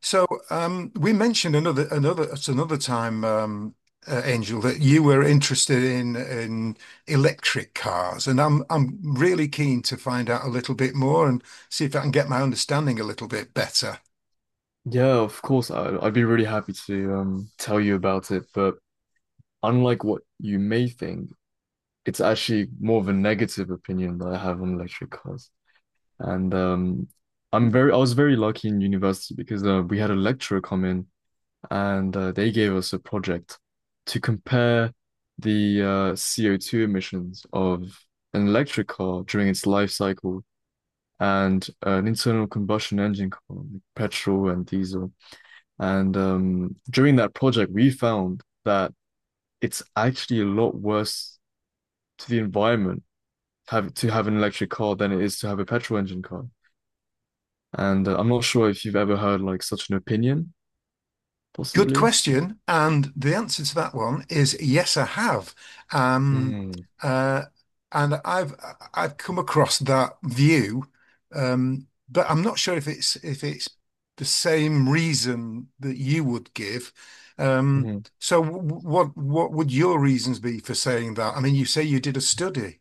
So we mentioned another at another time, Angel, that you were interested in electric cars, and I'm really keen to find out a little bit more and see if I can get my understanding a little bit better. Yeah, of course. I'd be really happy to tell you about it. But unlike what you may think, it's actually more of a negative opinion that I have on electric cars. And um, I was very lucky in university because we had a lecturer come in, and they gave us a project to compare the CO2 emissions of an electric car during its life cycle, and an internal combustion engine car, like petrol and diesel. And During that project, we found that it's actually a lot worse to the environment have to have an electric car than it is to have a petrol engine car. And I'm not sure if you've ever heard like such an opinion, Good possibly. question. And the answer to that one is yes, I have. Um, Mm, uh, and I've come across that view, but I'm not sure if it's the same reason that you would give. Um, mhm. so what would your reasons be for saying that? I mean, you say you did a study.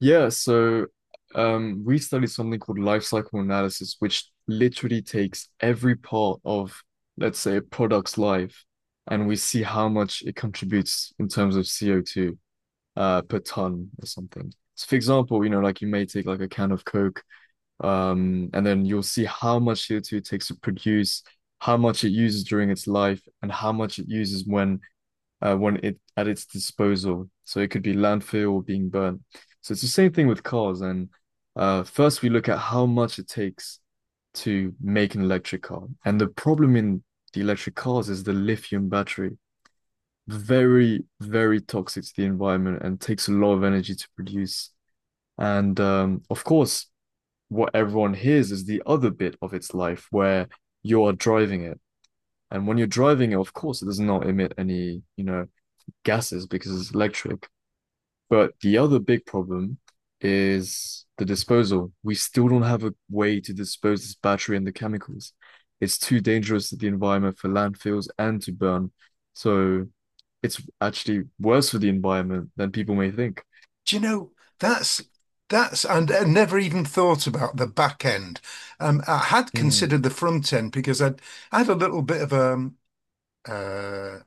Yeah, so we studied something called life cycle analysis, which literally takes every part of, let's say, a product's life, and we see how much it contributes in terms of CO2, per ton or something. So for example, you know, like you may take like a can of Coke, and then you'll see how much CO2 it takes to produce, how much it uses during its life, and how much it uses when it at its disposal. So it could be landfill or being burned. So it's the same thing with cars. And first we look at how much it takes to make an electric car. And the problem in the electric cars is the lithium battery, very, very toxic to the environment and takes a lot of energy to produce. And Of course, what everyone hears is the other bit of its life where you are driving it. And when you're driving it, of course, it does not emit any, you know, gases because it's electric. But the other big problem is the disposal. We still don't have a way to dispose this battery and the chemicals. It's too dangerous to the environment for landfills and to burn. So it's actually worse for the environment than people may think. Do you know that's That's and I never even thought about the back end. I had Hmm. considered the front end because I'd I had a little bit of uh,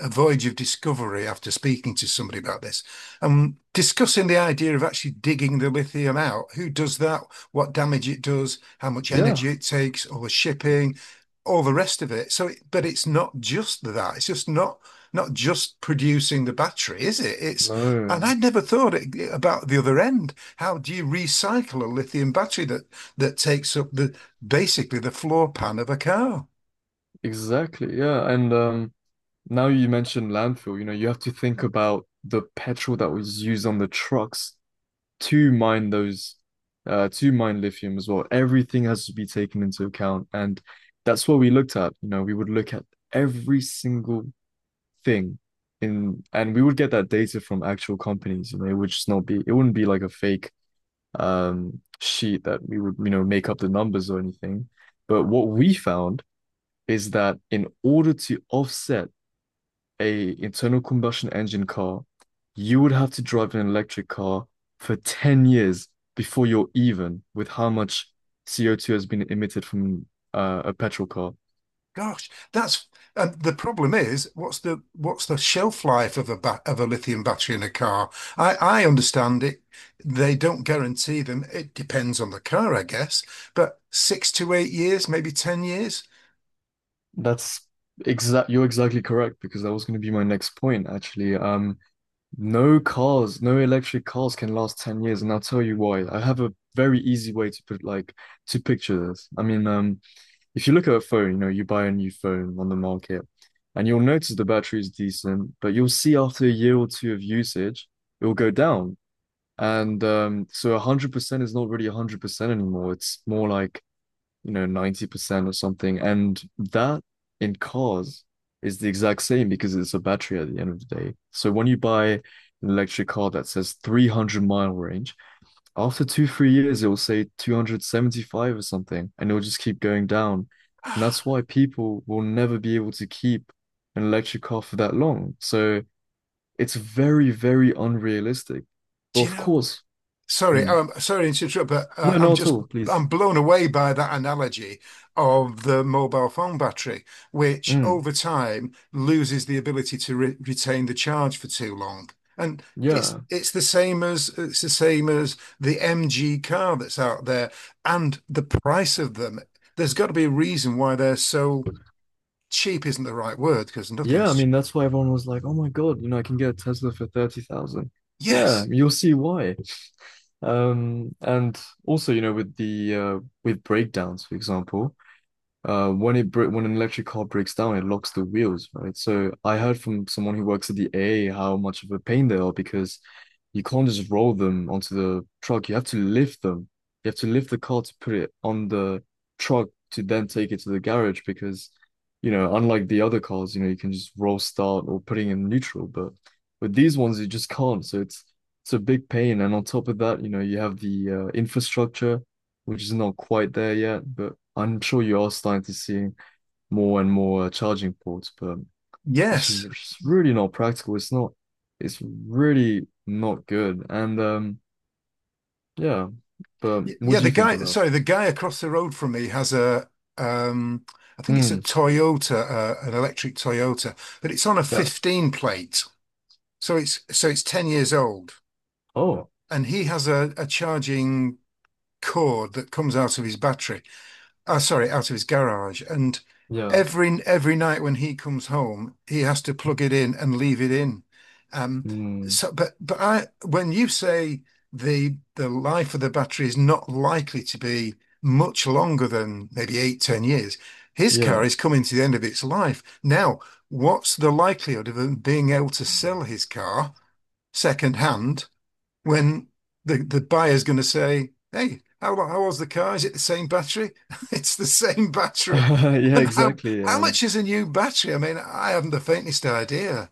a voyage of discovery after speaking to somebody about this and discussing the idea of actually digging the lithium out. Who does that? What damage it does? How much Yeah, energy it takes? All the shipping, all the rest of it. So, but it's not just that. It's just not just producing the battery, is it? It's no, and I'd never thought it, about the other end. How do you recycle a lithium battery that takes up the basically the floor pan of a car? exactly. Yeah, and now you mentioned landfill, you know, you have to think about the petrol that was used on the trucks to mine those, to mine lithium as well. Everything has to be taken into account, and that's what we looked at. You know, we would look at every single thing in, and we would get that data from actual companies. You know, it would just not be, it wouldn't be like a fake sheet that we would, you know, make up the numbers or anything. But what we found is that in order to offset a internal combustion engine car, you would have to drive an electric car for 10 years before you're even with how much CO2 has been emitted from a petrol car. Gosh, that's and the problem is what's the shelf life of a lithium battery in a car? I understand it. They don't guarantee them. It depends on the car, I guess, but 6 to 8 years, maybe 10 years. That's exact. You're exactly correct because that was going to be my next point, actually. No cars, no electric cars can last 10 years, and I'll tell you why. I have a very easy way to put like to picture this. I mean, if you look at a phone, you know, you buy a new phone on the market and you'll notice the battery is decent, but you'll see after a year or two of usage, it'll go down. And So 100% is not really 100% anymore. It's more like, you know, 90% or something. And that in cars is the exact same because it's a battery at the end of the day. So when you buy an electric car that says 300-mile range, after two, 3 years, it will say 275 or something, and it'll just keep going down. And that's why people will never be able to keep an electric car for that long. So it's very, very unrealistic. But Do you of know? course, Sorry, mm, um, sorry to interrupt, but no, I'm not at just all, please. I'm blown away by that analogy of the mobile phone battery, which Mm, over time loses the ability to re retain the charge for too long. And it's yeah. it's the same as it's the same as the MG car that's out there and the price of them. There's got to be a reason why they're so cheap isn't the right word because Yeah, I nothing's mean cheap. that's why everyone was like, "Oh my God, you know, I can get a Tesla for 30,000." Yeah, Yes, you'll see why. And also, you know, with the with breakdowns, for example, when when an electric car breaks down, it locks the wheels, right? So I heard from someone who works at the AA how much of a pain they are because you can't just roll them onto the truck. You have to lift them. You have to lift the car to put it on the truck to then take it to the garage because, you know, unlike the other cars, you know, you can just roll start or putting in neutral, but with these ones you just can't. It's a big pain, and on top of that, you know, you have the infrastructure which is not quite there yet, but I'm sure you are starting to see more and more charging ports, but yes. it's really not practical. It's really not good. And Yeah, but Y- what Yeah, do the you think guy, about sorry, it? the guy across the road from me has a, um, I think it's a Hmm. Toyota, an electric Toyota, but it's on a Yeah. 15 plate. So it's 10 years old, Oh, and he has a charging cord that comes out of his battery oh, sorry, out of his garage. And yeah. every night when he comes home, he has to plug it in and leave it in. Um, Hmm. But I when you say the life of the battery is not likely to be much longer than maybe eight, 10 years, his car Yeah. is coming to the end of its life. Now, what's the likelihood of him being able to sell his car second hand, when the buyer is going to say, "Hey, how old's the car? Is it the same battery?" It's the same battery. Yeah, And how exactly. how much is a new battery? I mean, I haven't the faintest idea.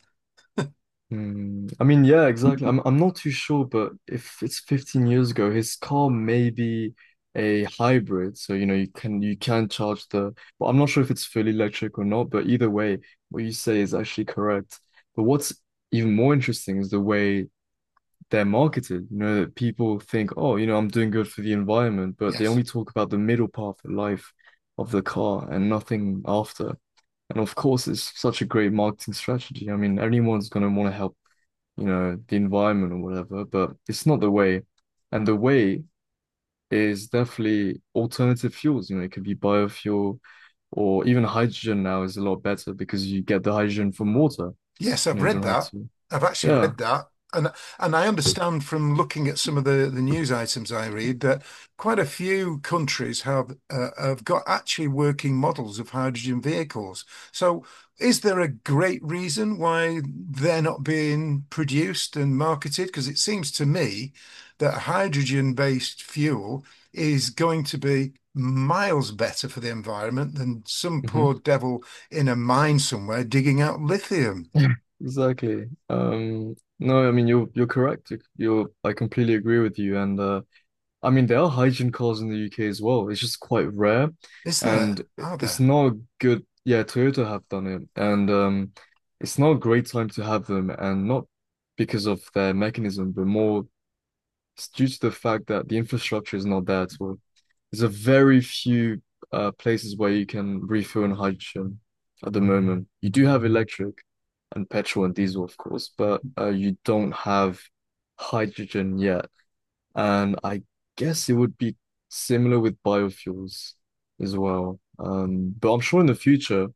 hmm. I mean, yeah, exactly. I'm not too sure, but if it's 15 years ago, his car may be a hybrid, so you know you can charge the. Well, I'm not sure if it's fully electric or not, but either way, what you say is actually correct. But what's even more interesting is the way they're marketed. You know, that people think, oh, you know, I'm doing good for the environment, but they Yes. only talk about the middle path of life of the car and nothing after. And of course, it's such a great marketing strategy. I mean, anyone's gonna want to help, you know, the environment or whatever, but it's not the way. And the way is definitely alternative fuels. You know, it could be biofuel or even hydrogen now is a lot better because you get the hydrogen from water. Yes, You I've know, you read don't have that. to. I've actually Yeah. read that. And and I understand from looking at some of the news items I read that quite a few countries have got actually working models of hydrogen vehicles. So is there a great reason why they're not being produced and marketed? Because it seems to me that hydrogen-based fuel is going to be miles better for the environment than some poor Hmm. devil in a mine somewhere digging out lithium. Exactly. No, I mean you're correct. You're, I completely agree with you. And I mean there are hygiene calls in the UK as well. It's just quite rare, Is there? and Are it's there? not a good. Yeah, Toyota have done it, and it's not a great time to have them, and not because of their mechanism, but more it's due to the fact that the infrastructure is not there at all. There's a very few places where you can refill in hydrogen at the moment. You do have electric and petrol and diesel, of course, but you don't have hydrogen yet. And I guess it would be similar with biofuels as well. But I'm sure in the future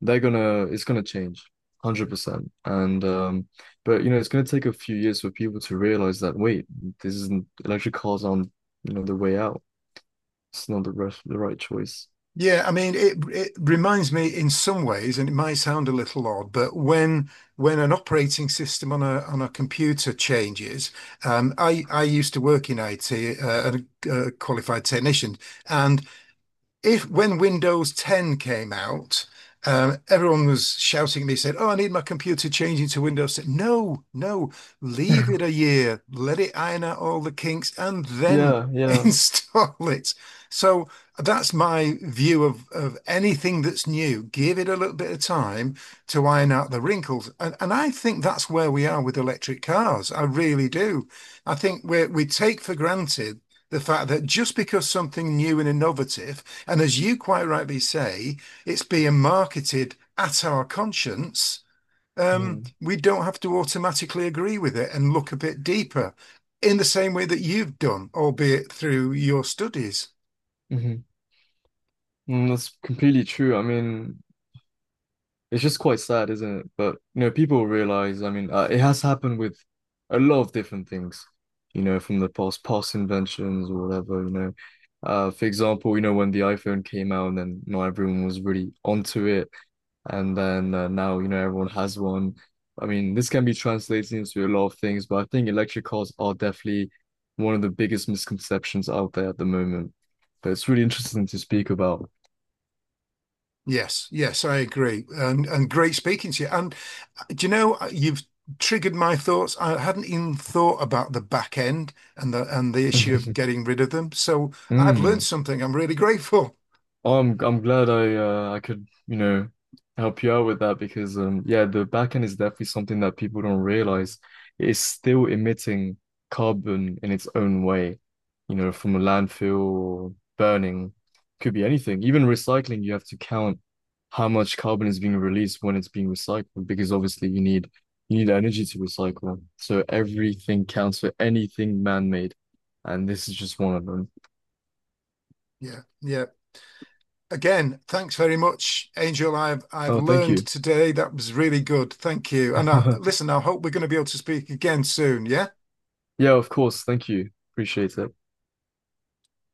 they're gonna it's gonna change 100%. And But you know it's gonna take a few years for people to realize that wait, this isn't, electric cars aren't, you know, the way out. It's not the right choice. Yeah, I mean, it reminds me in some ways, and it might sound a little odd, but when an operating system on a computer changes, I used to work in IT, uh, a qualified technician, and if when Windows 10 came out, everyone was shouting at me, saying, "Oh, I need my computer changing to Windows 10." No, no, leave it a year, let it iron out all the kinks, and then Yeah, yeah. install it. So that's my view of anything that's new. Give it a little bit of time to iron out the wrinkles, and I think that's where we are with electric cars. I really do. I think we take for granted the fact that just because something new and innovative and as you quite rightly say, it's being marketed at our conscience. Hmm. We don't have to automatically agree with it and look a bit deeper in the same way that you've done, albeit through your studies. Hmm. Mm, that's completely true. I mean, it's just quite sad, isn't it? But you know, people realize, I mean, it has happened with a lot of different things, you know, from the past inventions or whatever, you know. For example, you know, when the iPhone came out and then not everyone was really onto it, and then now you know everyone has one. I mean, this can be translated into a lot of things, but I think electric cars are definitely one of the biggest misconceptions out there at the moment. But it's really interesting to speak about. Yes, yes, I agree. And great speaking to you. And do you know, you've triggered my thoughts. I hadn't even thought about the back end and the issue of getting rid of them. So I've learned Mm. something. I'm really grateful. Oh, I'm glad I could, you know, help you out with that because um, yeah, the backend is definitely something that people don't realize. It's still emitting carbon in its own way, you know, from a landfill or burning, could be anything. Even recycling, you have to count how much carbon is being released when it's being recycled because obviously you need energy to recycle. So everything counts for anything man-made, and this is just one of them. Yeah, yeah. Again, thanks very much, Angel. I've Oh, thank learned you. today. That was really good. Thank you. And I, listen, I hope we're going to be able to speak again soon. Yeah. Yeah, of course. Thank you. Appreciate it.